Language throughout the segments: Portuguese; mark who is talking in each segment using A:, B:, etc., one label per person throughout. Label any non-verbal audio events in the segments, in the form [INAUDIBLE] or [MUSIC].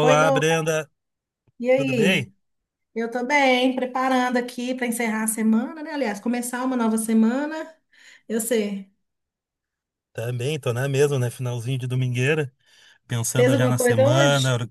A: Oi, Douglas.
B: Brenda,
A: E
B: tudo bem?
A: aí? Eu tô bem, preparando aqui para encerrar a semana, né? Aliás, começar uma nova semana. Eu sei.
B: Também, tô na mesma, né? Finalzinho de domingueira,
A: Fez
B: pensando já
A: alguma
B: na
A: coisa hoje?
B: semana.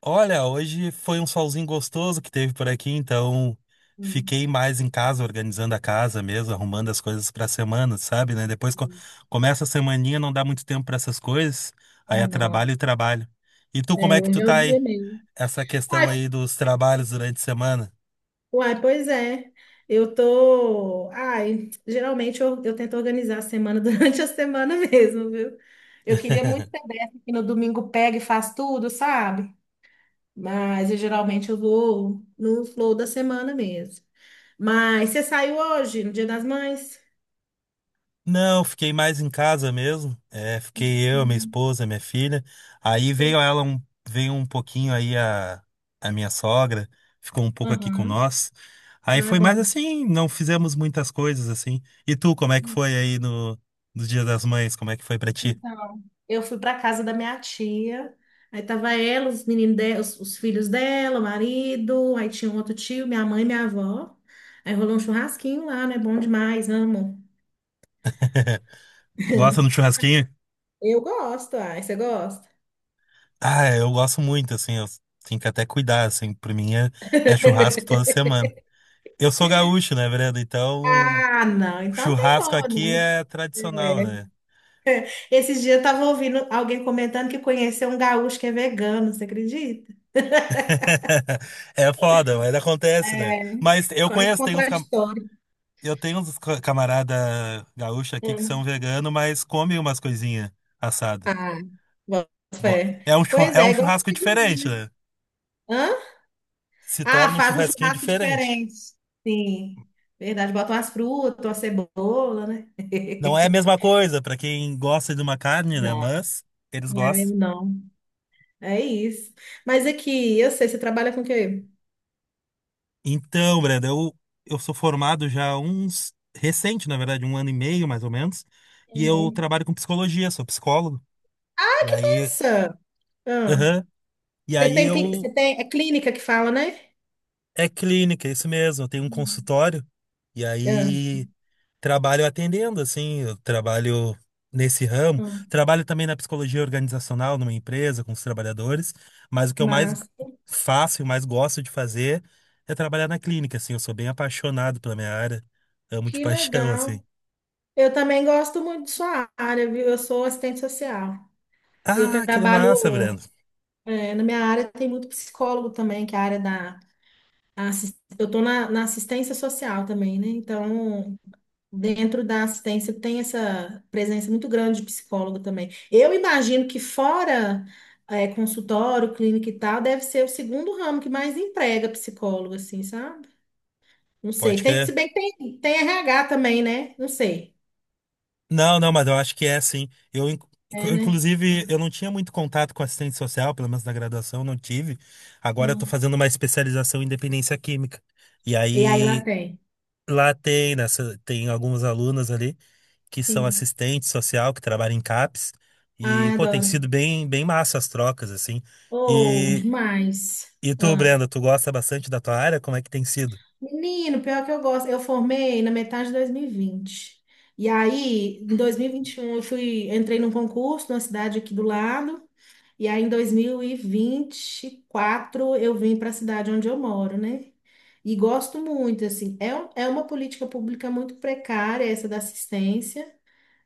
B: Olha, hoje foi um solzinho gostoso que teve por aqui, então
A: Hum.
B: fiquei mais em casa, organizando a casa mesmo, arrumando as coisas pra semana, sabe, né? Começa a semaninha, não dá muito tempo pra essas coisas, aí
A: Ah,
B: é
A: não.
B: trabalho e trabalho. E tu, como
A: É,
B: é que tu
A: hoje é o
B: tá aí?
A: dia mesmo.
B: Essa questão
A: Uai,
B: aí dos trabalhos durante a semana?
A: uai, pois é. Eu tô. Ai, geralmente eu tento organizar a semana [LAUGHS] durante a semana mesmo, viu? Eu queria muito ser
B: [LAUGHS]
A: dessa que no domingo pega e faz tudo, sabe? Mas eu, geralmente eu vou no flow da semana mesmo. Mas você saiu hoje, no Dia das Mães?
B: Não, fiquei mais em casa mesmo. É, fiquei eu, minha
A: Uhum.
B: esposa, minha filha. Aí veio ela um, Veio um pouquinho aí a minha sogra, ficou um pouco aqui com
A: Aham.
B: nós.
A: Ah,
B: Aí
A: é
B: foi mais
A: bom.
B: assim, não fizemos muitas coisas assim. E tu, como é que foi aí no Dia das Mães? Como é que foi pra ti?
A: Então, eu fui para casa da minha tia. Aí tava ela, os meninos dela, os filhos dela, o marido, aí tinha um outro tio, minha mãe, e minha avó. Aí rolou um churrasquinho lá, né? Bom demais, amo.
B: Gosta do churrasquinho?
A: Eu gosto, ai, você gosta?
B: Ah, eu gosto muito, assim, eu tenho que até cuidar, assim, é churrasco toda semana. Eu sou gaúcho, né, Brenda? Então,
A: Ah, não, então não tem
B: churrasco
A: como,
B: aqui
A: não.
B: é tradicional, né?
A: Esses dias eu tava ouvindo alguém comentando que conheceu um gaúcho que é vegano, você acredita?
B: [LAUGHS] É foda, mas acontece, né?
A: É
B: Mas eu
A: quase
B: conheço,
A: contraditório.
B: eu tenho uns camarada gaúcho aqui que são vegano, mas comem umas coisinhas assadas.
A: Ah, boto
B: Go-
A: fé. Pois
B: É
A: é,
B: um
A: igual
B: churrasco
A: você de
B: diferente,
A: Minas.
B: né?
A: Hã?
B: Se
A: Ah,
B: torna um
A: faz um
B: churrasquinho
A: churrasco
B: diferente.
A: diferente. Sim, verdade. Bota as frutas, uma cebola, né?
B: Não é a
A: [LAUGHS]
B: mesma coisa pra quem gosta de uma carne, né?
A: Não,
B: Mas eles
A: não é
B: gostam.
A: mesmo, não. É isso. Mas aqui, eu sei, você trabalha com o quê?
B: Então, Brenda, eu sou formado já há uns recente, na verdade, um ano e meio mais ou menos, e eu
A: Hum.
B: trabalho com psicologia, sou psicólogo.
A: Ah,
B: E
A: que
B: aí,
A: massa! Ah,
B: aham. E
A: você
B: aí
A: tem,
B: eu...
A: é clínica que fala, né?
B: É clínica, é isso mesmo. Eu tenho um
A: Hum.
B: consultório e
A: Ah,
B: aí trabalho atendendo, assim, eu trabalho nesse ramo.
A: ah,
B: Trabalho também na psicologia organizacional numa empresa com os trabalhadores, mas o que eu mais
A: massa.
B: faço e mais gosto de fazer é trabalhar na clínica, assim. Eu sou bem apaixonado pela minha área, amo de [LAUGHS]
A: Que
B: paixão, assim.
A: legal. Eu também gosto muito de sua área, viu? Eu sou assistente social. Eu
B: Ah, que massa,
A: trabalho.
B: Breno.
A: É, na minha área tem muito psicólogo também, que é a área da. a assis- Eu estou na, assistência social também, né? Então, dentro da assistência tem essa presença muito grande de psicólogo também. Eu imagino que fora é, consultório, clínica e tal, deve ser o segundo ramo que mais emprega psicólogo, assim, sabe? Não
B: Pode
A: sei. Tem,
B: crer.
A: se bem que tem RH também, né? Não sei.
B: Não, não, mas eu acho que é sim.
A: É,
B: Eu,
A: né?
B: inclusive, eu não tinha muito contato com assistente social, pelo menos na graduação, não tive. Agora eu tô
A: Hum.
B: fazendo uma especialização em dependência química. E
A: E aí lá
B: aí
A: tem.
B: lá tem, nessa, tem algumas alunas ali que são
A: Sim.
B: assistente social, que trabalham em CAPS.
A: Ah,
B: E, pô, tem
A: adoro.
B: sido bem, bem massa as trocas, assim.
A: Oh,
B: E,
A: demais.
B: e tu, Brenda, tu gosta bastante da tua área? Como é que tem sido?
A: Menino, pior que eu gosto. Eu formei na metade de 2020 e aí, em 2021 eu fui, entrei num concurso numa cidade aqui do lado. E aí, em dois mil e vinte e quatro eu vim para a cidade onde eu moro, né? E gosto muito, assim. É uma política pública muito precária, essa da assistência.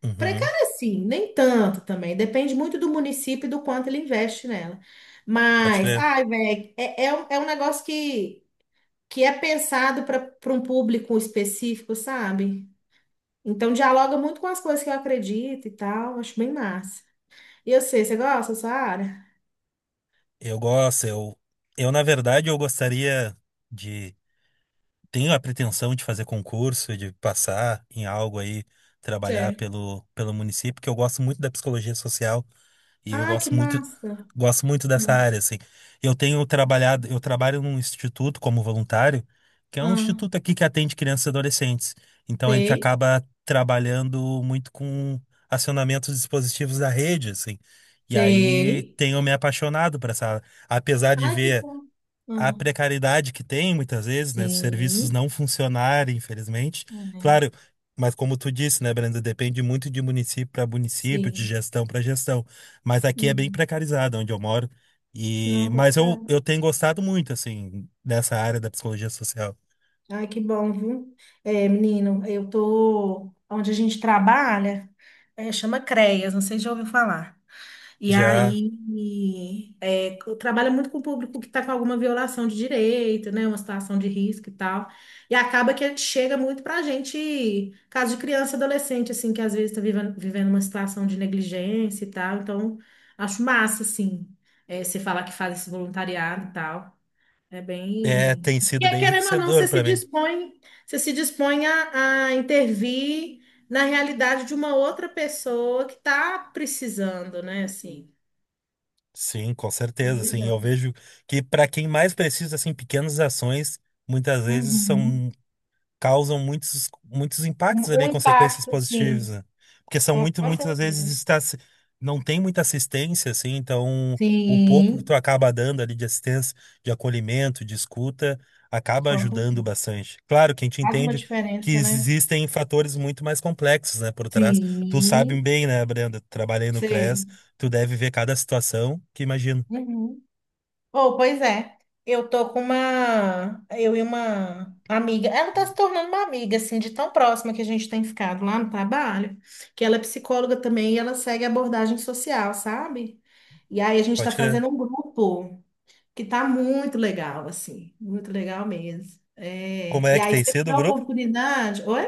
B: Uhum,
A: Precária, sim, nem tanto também. Depende muito do município e do quanto ele investe nela.
B: pode
A: Mas,
B: crer.
A: ai, velho, é, é um negócio que é pensado para um público específico, sabe? Então dialoga muito com as coisas que eu acredito e tal, acho bem massa. E eu sei, você gosta dessa área?
B: Eu gosto, eu na verdade, eu gostaria de tenho a pretensão de fazer concurso, de passar em algo aí, trabalhar
A: Sei.
B: pelo município, porque eu gosto muito da psicologia social e eu
A: Ah, que massa!
B: gosto muito dessa
A: Ah,
B: área, assim. Eu tenho trabalhado, eu trabalho num instituto como voluntário, que é um
A: ah,
B: instituto aqui que atende crianças e adolescentes. Então a gente
A: sei,
B: acaba trabalhando muito com acionamentos dispositivos da rede, assim. E aí
A: sei.
B: tenho me apaixonado por essa área. Apesar de
A: Ai, que
B: ver
A: bom.
B: a
A: Ah,
B: precariedade que tem muitas vezes, né? Os serviços
A: sim.
B: não funcionarem, infelizmente.
A: Uhum.
B: Claro, mas como tu disse, né, Brenda, depende muito de município para município, de
A: Sim.
B: gestão para gestão. Mas aqui é bem
A: Uhum.
B: precarizado onde eu moro. E
A: Não, pode ser.
B: eu tenho gostado muito assim dessa área da psicologia social.
A: Ai, que bom, viu? É, menino, eu tô onde a gente trabalha, é, chama CREAS, não sei se já ouviu falar. E
B: Já
A: aí, é, trabalha muito com o público que está com alguma violação de direito, né? Uma situação de risco e tal. E acaba que ele chega muito para a gente, caso de criança, adolescente, assim, que às vezes está vivendo uma situação de negligência e tal. Então, acho massa, assim, é, você falar que faz esse voluntariado e tal. É
B: é
A: bem.
B: tem
A: E
B: sido
A: é,
B: bem
A: querendo ou não,
B: enriquecedor
A: você se
B: para mim.
A: dispõe, você se dispõe a intervir na realidade de uma outra pessoa que está precisando, né? Assim
B: Sim, com certeza, assim, eu
A: milhão.
B: vejo que para quem mais precisa assim pequenas ações muitas vezes
A: Uhum.
B: são causam muitos, muitos
A: Um,
B: impactos
A: um
B: ali, consequências
A: impacto,
B: positivas,
A: sim,
B: né? Porque são
A: com
B: muito, muitas vezes
A: certeza.
B: está, se- não tem muita assistência, assim, então o pouco que tu
A: Sim.
B: acaba dando ali de assistência, de acolhimento, de escuta, acaba
A: Com certeza.
B: ajudando bastante. Claro que a gente
A: Faz uma
B: entende que
A: diferença, né?
B: existem fatores muito mais complexos, né, por trás. Tu sabe
A: Sim.
B: bem, né, Brenda, trabalhei no CRES,
A: Sei.
B: tu deve ver cada situação que imagino.
A: Uhum. Oh, pois é. Eu tô com uma. Eu e uma amiga. Ela tá se tornando uma amiga, assim, de tão próxima que a gente tem ficado lá no trabalho, que ela é psicóloga também e ela segue abordagem social, sabe? E aí a gente
B: Pode
A: tá
B: crer.
A: fazendo um grupo que tá muito legal, assim, muito legal mesmo.
B: Como
A: É,
B: é
A: e
B: que
A: aí,
B: tem
A: se você
B: sido o
A: tiver
B: grupo?
A: oportunidade, oi?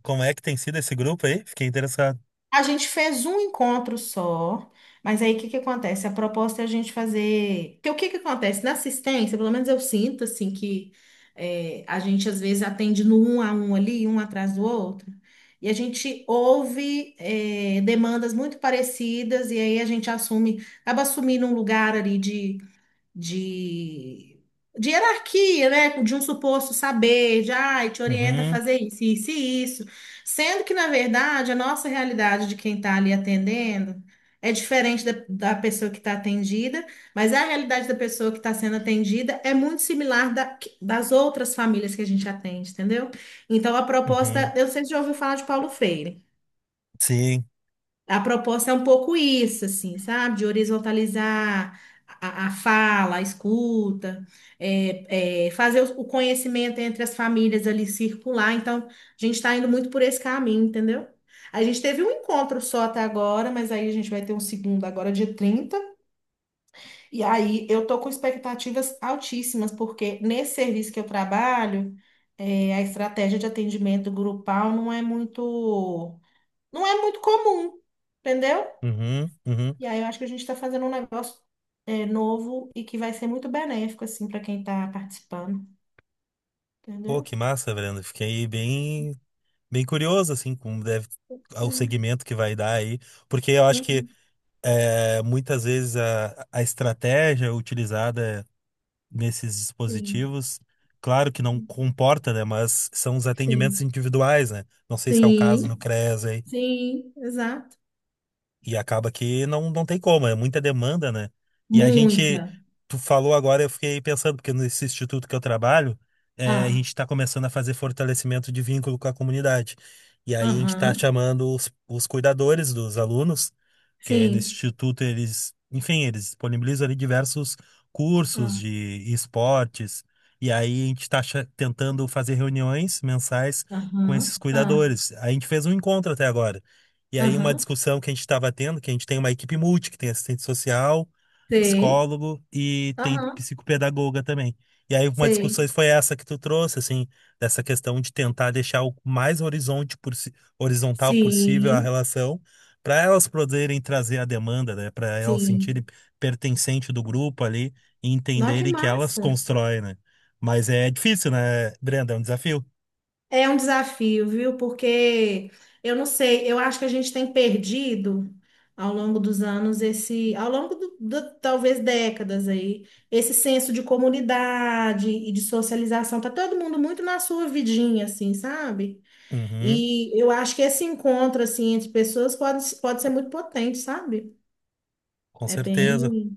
B: Como é que tem sido esse grupo aí? Fiquei interessado.
A: A gente fez um encontro só, mas aí o que que acontece? A proposta é a gente fazer. Porque o que que acontece? Na assistência, pelo menos eu sinto assim que é, a gente às vezes atende no um a um ali, um atrás do outro, e a gente ouve é, demandas muito parecidas, e aí a gente assume, acaba assumindo um lugar ali de, de hierarquia, né? De um suposto saber, de ai, te orienta a
B: Uhum,
A: fazer isso, isso e isso. Sendo que, na verdade, a nossa realidade de quem está ali atendendo é diferente da pessoa que está atendida, mas a realidade da pessoa que está sendo atendida é muito similar das outras famílias que a gente atende, entendeu? Então, a
B: uhum.
A: proposta, eu sempre já ouvi falar de Paulo Freire.
B: Sim.
A: A proposta é um pouco isso, assim, sabe? De horizontalizar a fala, a escuta, fazer o conhecimento entre as famílias ali circular. Então, a gente está indo muito por esse caminho, entendeu? A gente teve um encontro só até agora, mas aí a gente vai ter um segundo agora, dia 30. E aí eu tô com expectativas altíssimas, porque nesse serviço que eu trabalho, é, a estratégia de atendimento grupal não é muito comum. Entendeu?
B: Uhum, uhum.
A: E aí eu acho que a gente está fazendo um negócio novo e que vai ser muito benéfico, assim, para quem está participando,
B: Pô,
A: entendeu?
B: que massa, Brenda. Fiquei bem, bem curioso, assim, como deve ao
A: É.
B: segmento que vai dar aí, porque eu acho que
A: Uhum.
B: é, muitas vezes a estratégia utilizada nesses
A: Sim,
B: dispositivos, claro que não comporta, né? Mas são os atendimentos
A: sim,
B: individuais, né? Não sei se é o
A: sim,
B: caso no CREAS aí.
A: sim, exato.
B: E acaba que não, não tem como, é muita demanda, né? E a
A: Muita.
B: gente, tu falou agora, eu fiquei pensando, porque nesse instituto que eu trabalho, a gente
A: Ah,
B: está começando a fazer fortalecimento de vínculo com a comunidade. E aí a gente está
A: aham,
B: chamando os cuidadores dos alunos que é nesse
A: sim.
B: instituto eles, enfim, eles disponibilizam ali diversos cursos
A: Ah,
B: de esportes, e aí a gente está tentando fazer reuniões mensais com
A: aham,
B: esses
A: ah,
B: cuidadores. A gente fez um encontro até agora. E aí uma
A: aham,
B: discussão que a gente estava tendo, que a gente tem uma equipe multi, que tem assistente social,
A: sei,
B: psicólogo e tem
A: aham,
B: psicopedagoga também. E aí uma
A: sei.
B: discussão foi essa que tu trouxe, assim, dessa questão de tentar deixar o mais horizontal possível a
A: Sim,
B: relação para elas poderem trazer a demanda, né? Para elas sentirem
A: sim.
B: pertencente do grupo ali e
A: Nossa, que
B: entenderem que elas
A: massa.
B: constroem, né? Mas é difícil, né, Brenda? É um desafio.
A: É um desafio, viu? Porque eu não sei, eu acho que a gente tem perdido ao longo dos anos esse, ao longo do, talvez décadas aí, esse senso de comunidade e de socialização. Tá todo mundo muito na sua vidinha, assim, sabe?
B: Uhum,
A: E eu acho que esse encontro assim entre pessoas pode ser muito potente, sabe?
B: com
A: É
B: certeza.
A: bem,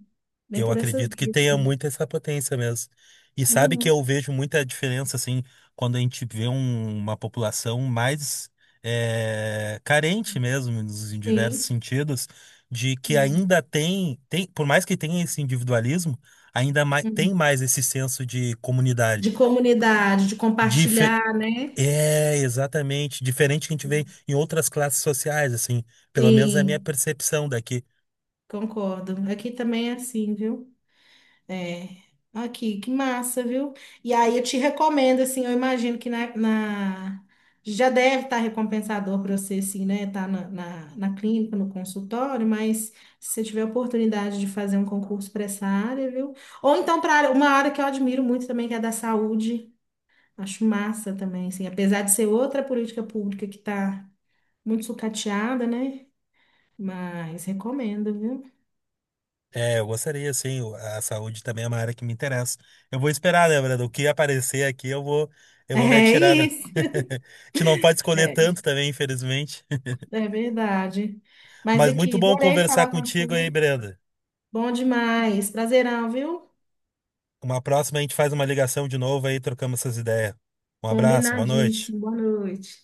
A: bem
B: Eu
A: por essa
B: acredito que
A: via,
B: tenha
A: assim.
B: muito essa potência mesmo. E sabe que
A: Uhum.
B: eu vejo muita diferença, assim, quando a gente vê uma população mais carente mesmo, nos- em diversos
A: Sim.
B: sentidos, de que ainda tem, tem, por mais que tenha esse individualismo, tem
A: Uhum.
B: mais esse senso de
A: De
B: comunidade.
A: comunidade, de
B: Dife-
A: compartilhar, né?
B: É, exatamente. Diferente que a gente vê em outras classes sociais, assim, pelo menos é a minha
A: Sim,
B: percepção daqui.
A: concordo. Aqui também é assim, viu? É. Aqui, que massa, viu? E aí eu te recomendo, assim, eu imagino que já deve estar recompensador para você, assim, né? Tá na clínica, no consultório, mas se você tiver oportunidade de fazer um concurso para essa área, viu? Ou então para uma área que eu admiro muito também, que é a da saúde. Acho massa também, assim, apesar de ser outra política pública que está muito sucateada, né? Mas recomendo, viu?
B: É, eu gostaria, sim. A saúde também é uma área que me interessa. Eu vou esperar, né, Brando? O que aparecer aqui, eu vou me atirar, né?
A: [LAUGHS]
B: [LAUGHS] A gente não pode escolher
A: É isso.
B: tanto também, infelizmente.
A: É verdade. Mas
B: Mas muito
A: aqui,
B: bom
A: adorei
B: conversar
A: falar com
B: contigo aí,
A: você.
B: Brenda.
A: Bom demais. Prazerão, viu?
B: Uma próxima a gente faz uma ligação de novo aí, trocamos essas ideias. Um abraço, boa noite.
A: Combinadíssimo. Boa noite.